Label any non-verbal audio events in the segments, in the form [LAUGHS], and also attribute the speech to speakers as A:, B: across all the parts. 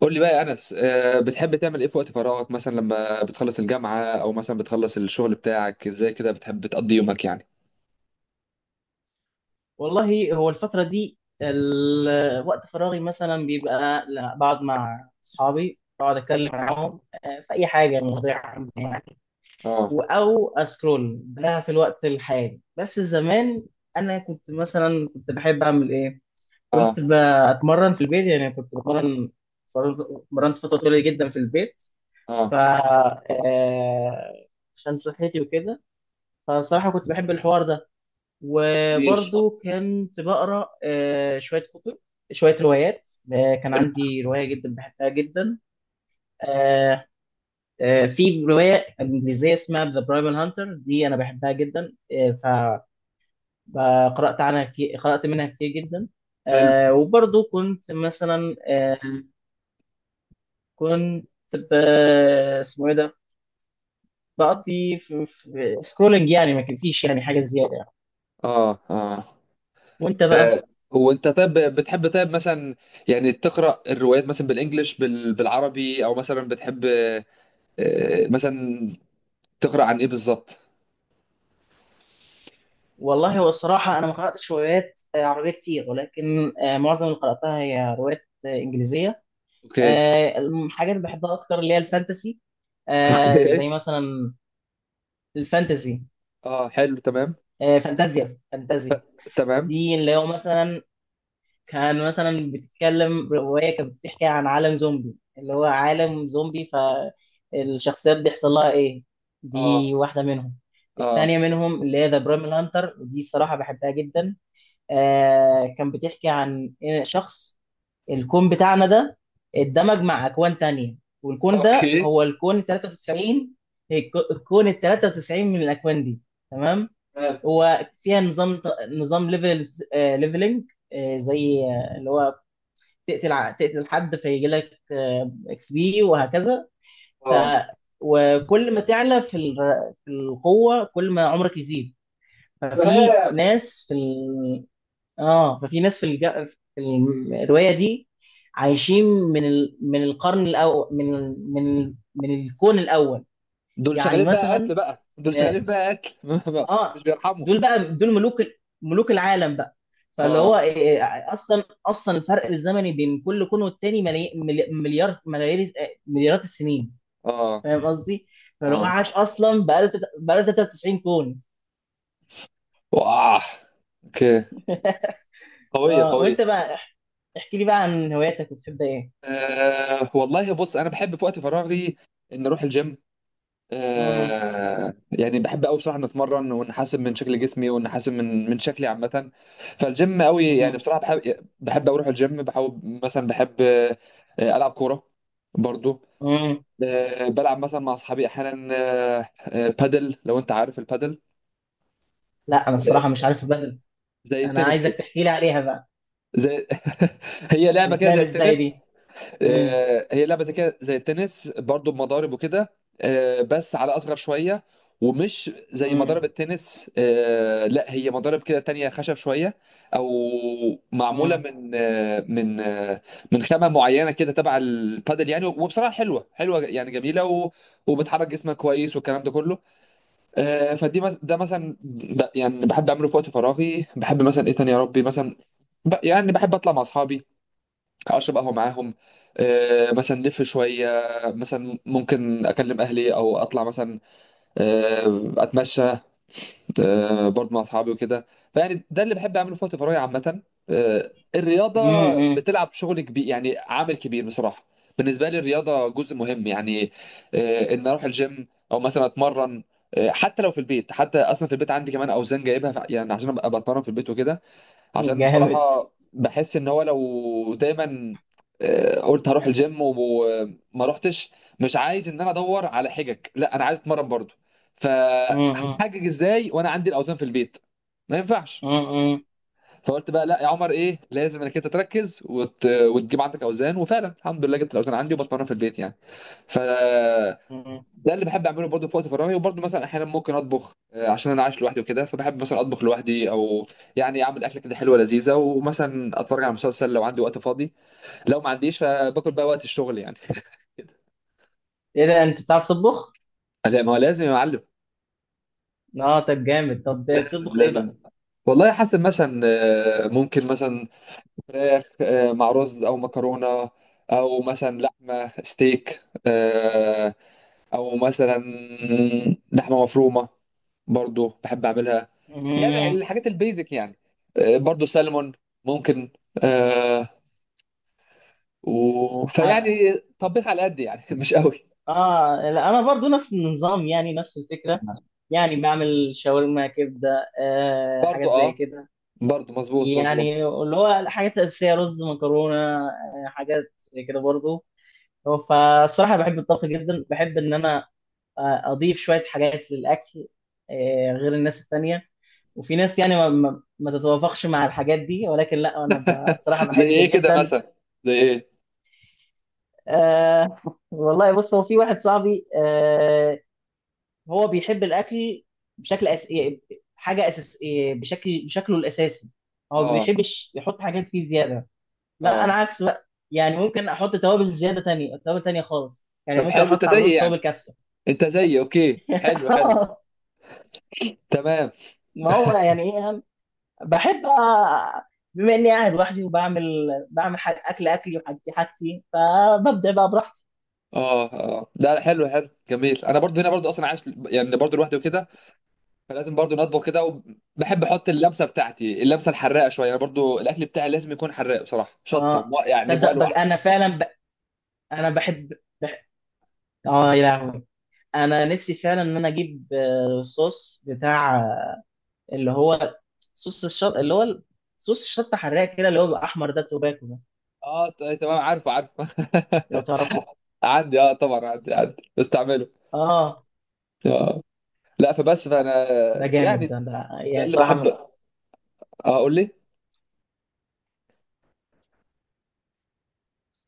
A: قول لي بقى يا انس، بتحب تعمل ايه في وقت فراغك؟ مثلا لما بتخلص الجامعه، او مثلا بتخلص الشغل بتاعك، ازاي كده بتحب تقضي يومك يعني؟
B: والله هو الفترة دي وقت فراغي مثلا بيبقى بقعد مع أصحابي، بقعد أتكلم معاهم في أي حاجة، مواضيع عامة يعني.
A: اه.
B: أو أسكرول ده في الوقت الحالي، بس زمان أنا كنت مثلا كنت بحب أعمل إيه؟ كنت
A: اه.
B: بتمرن في البيت، يعني كنت بتمرن، مرنت فترة طويلة جدا في البيت. ف
A: اه.
B: آه، عشان صحتي وكده، فصراحة كنت بحب الحوار ده.
A: جميل.
B: وبرضو كنت بقرا شويه كتب، شويه روايات. كان
A: حلو.
B: عندي روايه جدا بحبها جدا. آه، في روايه انجليزيه اسمها ذا برايمال هانتر، دي انا بحبها جدا. آه، فقرات عنها كتير، قرات منها كتير جدا.
A: حلو.
B: وبرضو كنت مثلا كنت ب- اسمه ايه ده، بقضي في سكرولنج، يعني ما كان فيش يعني حاجه زياده يعني.
A: اه. اه.
B: وانت بقى؟
A: آه، هو انت طيب بتحب طيب مثلا، يعني تقرا الروايات مثلا بالانجلش بالعربي، او مثلا بتحب مثلا تقرا عن ايه بالظبط؟
B: والله هو الصراحة أنا ما قرأتش روايات عربية كتير، ولكن معظم اللي قرأتها هي روايات إنجليزية.
A: اوكي.
B: الحاجات اللي بحبها أكتر اللي هي الفانتسي،
A: اوكي.
B: زي مثلا الفانتسي،
A: اه، حلو، تمام.
B: فانتازيا
A: ف...
B: فانتازيا.
A: تمام.
B: دي اللي هو مثلا، كان مثلا بتتكلم رواية كانت بتحكي عن عالم زومبي، اللي هو عالم زومبي، فالشخصيات بيحصل لها إيه، دي
A: اه.
B: واحدة منهم.
A: اه.
B: التانية منهم اللي هي ذا بريمال هانتر، ودي صراحة بحبها جدا. كان بتحكي عن إن شخص، الكون بتاعنا ده اتدمج مع أكوان تانية، والكون ده
A: اوكي.
B: هو الكون ال 93. الكون ال 93 من الأكوان دي، تمام.
A: تمام.
B: وفيها نظام، نظام ليفل، ليفلنج، زي اللي هو تقتل حد فيجي لك اكس بي وهكذا. ف
A: اه.
B: وكل ما تعلى في القوة، كل ما عمرك يزيد. ففي
A: تمام.
B: ناس في، اه ففي ناس في الروايه دي عايشين من القرن الاول، من الكون الاول.
A: دول
B: يعني
A: شغالين بقى قتل
B: مثلا،
A: بقى، دول
B: اه،
A: شغالين بقى قتل. [LAUGHS] مش
B: آه،
A: بيرحموا.
B: دول بقى، دول ملوك ملوك العالم بقى. فاللي هو
A: اه.
B: اصلا الفرق الزمني بين كل كون والتاني مليار، ملايير مليارات السنين.
A: اه.
B: فاهم قصدي؟ فاللي هو عاش
A: اه.
B: اصلا بقاله 93 كون.
A: واه. اوكي. قوية
B: اه، وانت
A: قوية.
B: بقى، احكي لي بقى عن هواياتك وتحب ايه؟
A: والله بص، انا بحب في وقت فراغي ان اروح الجيم.
B: مم.
A: يعني بحب قوي بصراحة ان اتمرن، وان احسن من شكل جسمي، وان احسن من شكلي عامة. فالجيم قوي يعني، بصراحة بحب اروح الجيم. بحاول مثلا بحب العب كورة برضو.
B: مم.
A: بلعب مثلا مع اصحابي احيانا بادل، لو انت عارف البادل.
B: لا انا الصراحه مش عارف البدل.
A: زي
B: انا
A: التنس
B: عايزك
A: كده.
B: تحكي لي عليها بقى.
A: زي [LAUGHS] هي لعبه كده زي
B: بتتلعب ازاي
A: التنس.
B: دي؟ امم.
A: هي لعبه زي كده زي التنس برضو، بمضارب وكده. بس على اصغر شويه. ومش زي
B: امم.
A: مضارب التنس، لا هي مضارب كده تانية، خشب شويه. او معموله
B: امم.
A: من من خامه معينه كده تبع البادل يعني. وبصراحه حلوه حلوه يعني، جميله وبتحرك جسمك كويس والكلام ده كله. ده مثلا يعني بحب اعمله في وقت فراغي. بحب مثلا ايه تاني يا ربي؟ مثلا يعني بحب اطلع مع اصحابي، اشرب قهوه معاهم، مثلا نلف شويه. مثلا ممكن اكلم اهلي، او اطلع مثلا اتمشى برضه مع اصحابي وكده. فيعني ده اللي بحب اعمله في وقت فراغي عامه. الرياضه
B: امم.
A: بتلعب شغل كبير يعني، عامل كبير بصراحه. بالنسبه لي الرياضه جزء مهم يعني، ان اروح الجيم او مثلا اتمرن. حتى لو في البيت، حتى اصلا في البيت عندي كمان اوزان جايبها يعني عشان ابقى بتمرن في البيت وكده.
B: أمم.
A: عشان
B: جامد.
A: بصراحة بحس ان هو لو دايما قلت هروح الجيم وما رحتش، مش عايز ان انا ادور على حجج. لا انا عايز اتمرن برضو.
B: امم.
A: فهحجج ازاي وانا عندي الاوزان في البيت؟ ما ينفعش.
B: امم.
A: فقلت بقى لا يا عمر ايه، لازم انك انت تركز وتجيب عندك اوزان، وفعلا الحمد لله جبت الاوزان عندي وبتمرن في البيت يعني. ف
B: امم.
A: ده اللي بحب اعمله برضه في وقت فراغي. وبرضه مثلا احيانا ممكن اطبخ، عشان انا عايش لوحدي وكده. فبحب مثلا اطبخ لوحدي، او يعني اعمل اكله كده حلوه لذيذه، ومثلا اتفرج على مسلسل لو عندي وقت فاضي. لو ما عنديش فباكل بقى وقت الشغل يعني. [LAUGHS]
B: ايه ده، انت بتعرف تطبخ؟
A: لا ما هو لازم يا معلم.
B: اه، طب جامد، طب
A: لازم
B: بتطبخ ايه
A: لازم.
B: بقى؟
A: والله حاسس مثلا ممكن مثلا فراخ مع رز او مكرونه، او مثلا لحمه ستيك، او مثلا لحمه مفرومه برضو بحب اعملها. يعني
B: امم.
A: الحاجات البيزك يعني. برضو سلمون ممكن. آه فيعني
B: اه،
A: طبيخ على قد يعني، [LAUGHS] مش قوي.
B: لا انا برضو نفس النظام، يعني نفس الفكره، يعني بعمل شاورما كبده،
A: برضو
B: حاجات زي
A: اه.
B: كده،
A: برضو مظبوط مظبوط.
B: يعني اللي هو الحاجات الاساسيه، رز مكرونه، حاجات زي كده برضو. هو فالصراحة بحب الطبخ جدا، بحب إن أنا أضيف شوية حاجات للأكل غير الناس التانية. وفي ناس يعني ما تتوافقش مع الحاجات دي، ولكن لا أنا الصراحة
A: زي
B: بحب
A: ايه كده
B: جدا.
A: مثلا؟ زي ايه؟
B: أه [LAUGHS] والله بص، هو في واحد صاحبي، أه هو بيحب الأكل يعني حاجة أساس، يعني بشكل بشكله الأساسي، هو ما
A: اه.
B: بيحبش يحط حاجات فيه زيادة. لا أنا
A: اه.
B: عكس بقى، يعني ممكن أحط توابل زيادة، تانية توابل تانية خالص، يعني
A: طب
B: ممكن
A: حلو، انت
B: أحط على الرز
A: زي
B: توابل
A: يعني،
B: كبسة.
A: انت زي، اوكي حلو
B: [LAUGHS]
A: حلو
B: آه،
A: تمام.
B: ما هو يعني ايه يعني، بحب بما اني قاعد لوحدي وبعمل، اكل اكلي وحاجتي، فببدع بقى براحتي.
A: اه. اه. لا لا، حلو حلو جميل. انا برضو هنا برضو اصلا عايش يعني، برضو لوحدي وكده. فلازم برضو نطبخ كده. وبحب احط اللمسه بتاعتي، اللمسه الحراقه شويه. انا برضو الاكل بتاعي لازم يكون حراق بصراحه، شطه
B: اه،
A: يعني
B: صدق بقى
A: مولوع.
B: انا فعلا انا بحب... اه يا لهوي، انا نفسي فعلا ان انا اجيب صوص بتاع اللي هو صوص الشط، اللي هو صوص الشطه حراق كده، اللي هو بيبقى احمر، ده توباكو ده،
A: اه، تمام، عارفه عارفه.
B: لو
A: [LAUGHS]
B: تعرفه.
A: عندي، اه طبعا عندي بستعمله.
B: اه،
A: اه. لا فبس
B: ده
A: فانا
B: ده جامد،
A: يعني
B: ده
A: ده
B: يعني
A: اللي
B: صراحه
A: بحب،
B: من،
A: اه اقول لي.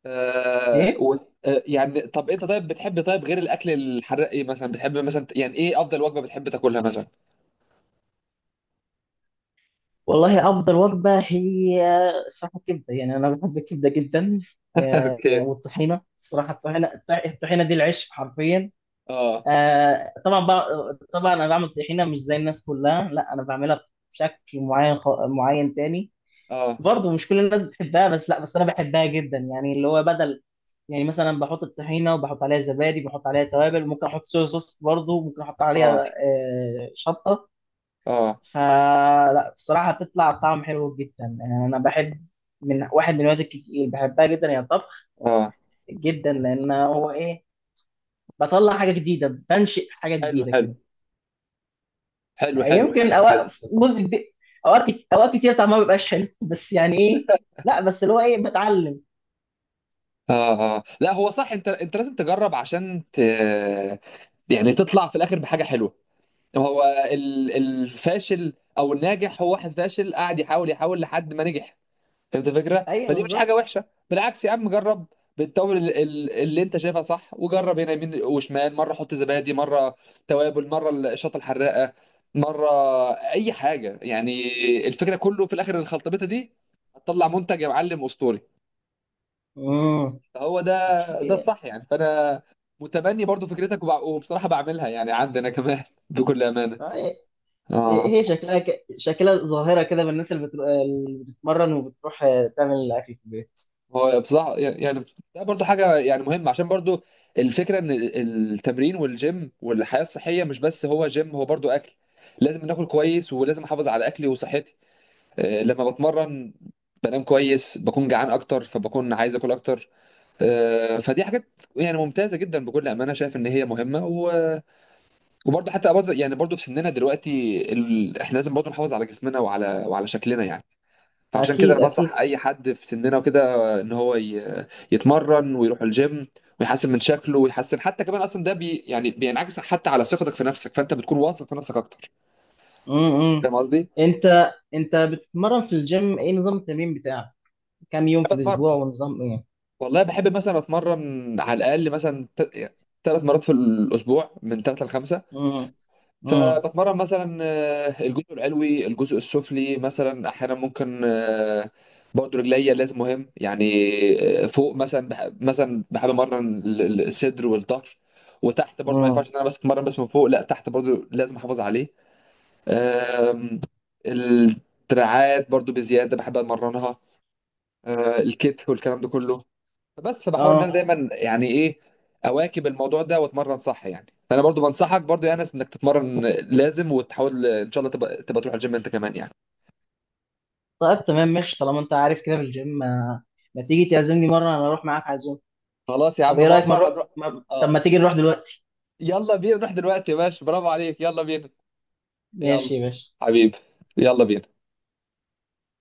A: آه
B: ايه.
A: و... آه يعني طب انت طيب بتحب طيب غير الاكل الحراق، ايه مثلا بتحب مثلا يعني ايه افضل وجبه بتحب تاكلها مثلا؟
B: والله أفضل وجبة هي، صراحة الكبدة، يعني أنا بحب الكبدة جدا.
A: [LAUGHS]
B: آه،
A: اوكي.
B: والطحينة، صراحة الطحينة، الطحينة دي العيش حرفيا.
A: اه.
B: طبعا بقى، طبعا أنا بعمل طحينة مش زي الناس كلها، لا أنا بعملها بشكل معين معين تاني.
A: اه.
B: برضه مش كل الناس بتحبها، بس لا بس أنا بحبها جدا، يعني اللي هو بدل، يعني مثلا بحط الطحينة وبحط عليها زبادي، بحط عليها توابل، ممكن أحط صويا صوص برضه، ممكن أحط عليها
A: اه.
B: شطة.
A: اه.
B: فلا بصراحة بتطلع طعم حلو جدا، يعني أنا بحب، من واحد من الوجبات الكتير بحبها جدا هي الطبخ
A: اه.
B: جدا، لأن هو إيه، بطلع حاجة جديدة، بنشئ حاجة
A: حلو
B: جديدة
A: حلو
B: كده.
A: حلو حلو.
B: يمكن
A: حلو حلو.
B: أوقات جزء كبير، أوقات كتير طعمها ما بيبقاش حلو [LAUGHS] بس يعني إيه، لا بس اللي هو إيه، بتعلم.
A: اه اه، لا هو صح. انت لازم تجرب عشان يعني تطلع في الاخر بحاجه حلوه. هو الفاشل او الناجح هو واحد فاشل قاعد يحاول يحاول لحد ما نجح. فهمت الفكره؟
B: أيوه
A: فدي مش حاجه
B: بالظبط.
A: وحشه، بالعكس يا عم جرب. بالتوابل اللي انت شايفها صح، وجرب هنا يمين وشمال، مره حط زبادي، مره توابل، مره الشطه الحراقه، مره اي حاجه يعني. الفكره كله في الاخر الخلطبيطه دي هتطلع منتج يا معلم اسطوري.
B: امم.
A: فهو ده
B: أوكي.
A: الصح يعني. فانا متبني برضو فكرتك، وبصراحه بعملها يعني عندنا كمان. [LAUGHS] بكل امانه.
B: هي،
A: اه.
B: هي شكلها شكلها ظاهرة كده بالناس اللي بتتمرن وبتروح تعمل الأكل في البيت.
A: هو بصراحة يعني ده برضو حاجة يعني مهمة، عشان برضو الفكرة ان التمرين والجيم والحياة الصحية، مش بس هو جيم، هو برضو اكل. لازم ناكل كويس، ولازم احافظ على اكلي وصحتي. لما بتمرن بنام كويس، بكون جعان اكتر فبكون عايز اكل اكتر. فدي حاجات يعني ممتازة جدا بكل امانة. شايف ان هي مهمة وبرضو حتى برضو يعني، برضو في سننا دلوقتي احنا لازم برضو نحافظ على جسمنا وعلى شكلنا يعني. فعشان كده انا
B: أكيد أكيد.
A: بنصح اي حد في سننا وكده ان هو يتمرن ويروح الجيم، ويحسن من شكله، ويحسن حتى كمان اصلا ده بي يعني بينعكس حتى على ثقتك في نفسك، فانت بتكون واثق في نفسك اكتر.
B: امم.
A: فاهم قصدي؟
B: انت بتتمرن في الجيم، ايه نظام التمرين بتاعك، كام يوم في
A: بتمرن،
B: الاسبوع ونظام ايه؟
A: والله بحب مثلا اتمرن على الاقل مثلا 3 مرات في الاسبوع، من 3 ل5.
B: امم. امم.
A: فبتمرن مثلا الجزء العلوي الجزء السفلي، مثلا احيانا ممكن برضه رجليا لازم، مهم يعني. فوق مثلا مثلا بحب امرن الصدر والظهر، وتحت برضه ما ينفعش
B: امم.
A: ان انا بس اتمرن بس من فوق، لا تحت برضه لازم احافظ عليه. آم، الدراعات برضه بزياده بحب اتمرنها، الكتف والكلام ده كله. بس بحاول ان
B: اه
A: انا دايما يعني ايه اواكب الموضوع ده واتمرن صح يعني. فانا برضو بنصحك برضو يا انس انك تتمرن لازم، وتحاول ان شاء الله تبقى تروح الجيم انت كمان يعني.
B: طيب تمام ماشي، طالما انت عارف كده في الجيم، ما تيجي تعزمني مره انا اروح معاك عزوم.
A: خلاص يا عم،
B: طب ايه رايك ما
A: مره
B: نروح،
A: هنروح.
B: ما... طب
A: اه،
B: ما تيجي نروح دلوقتي؟
A: يلا بينا نروح دلوقتي يا باشا، برافو عليك، يلا بينا. يلا.
B: ماشي يا باشا.
A: حبيبي. يلا بينا.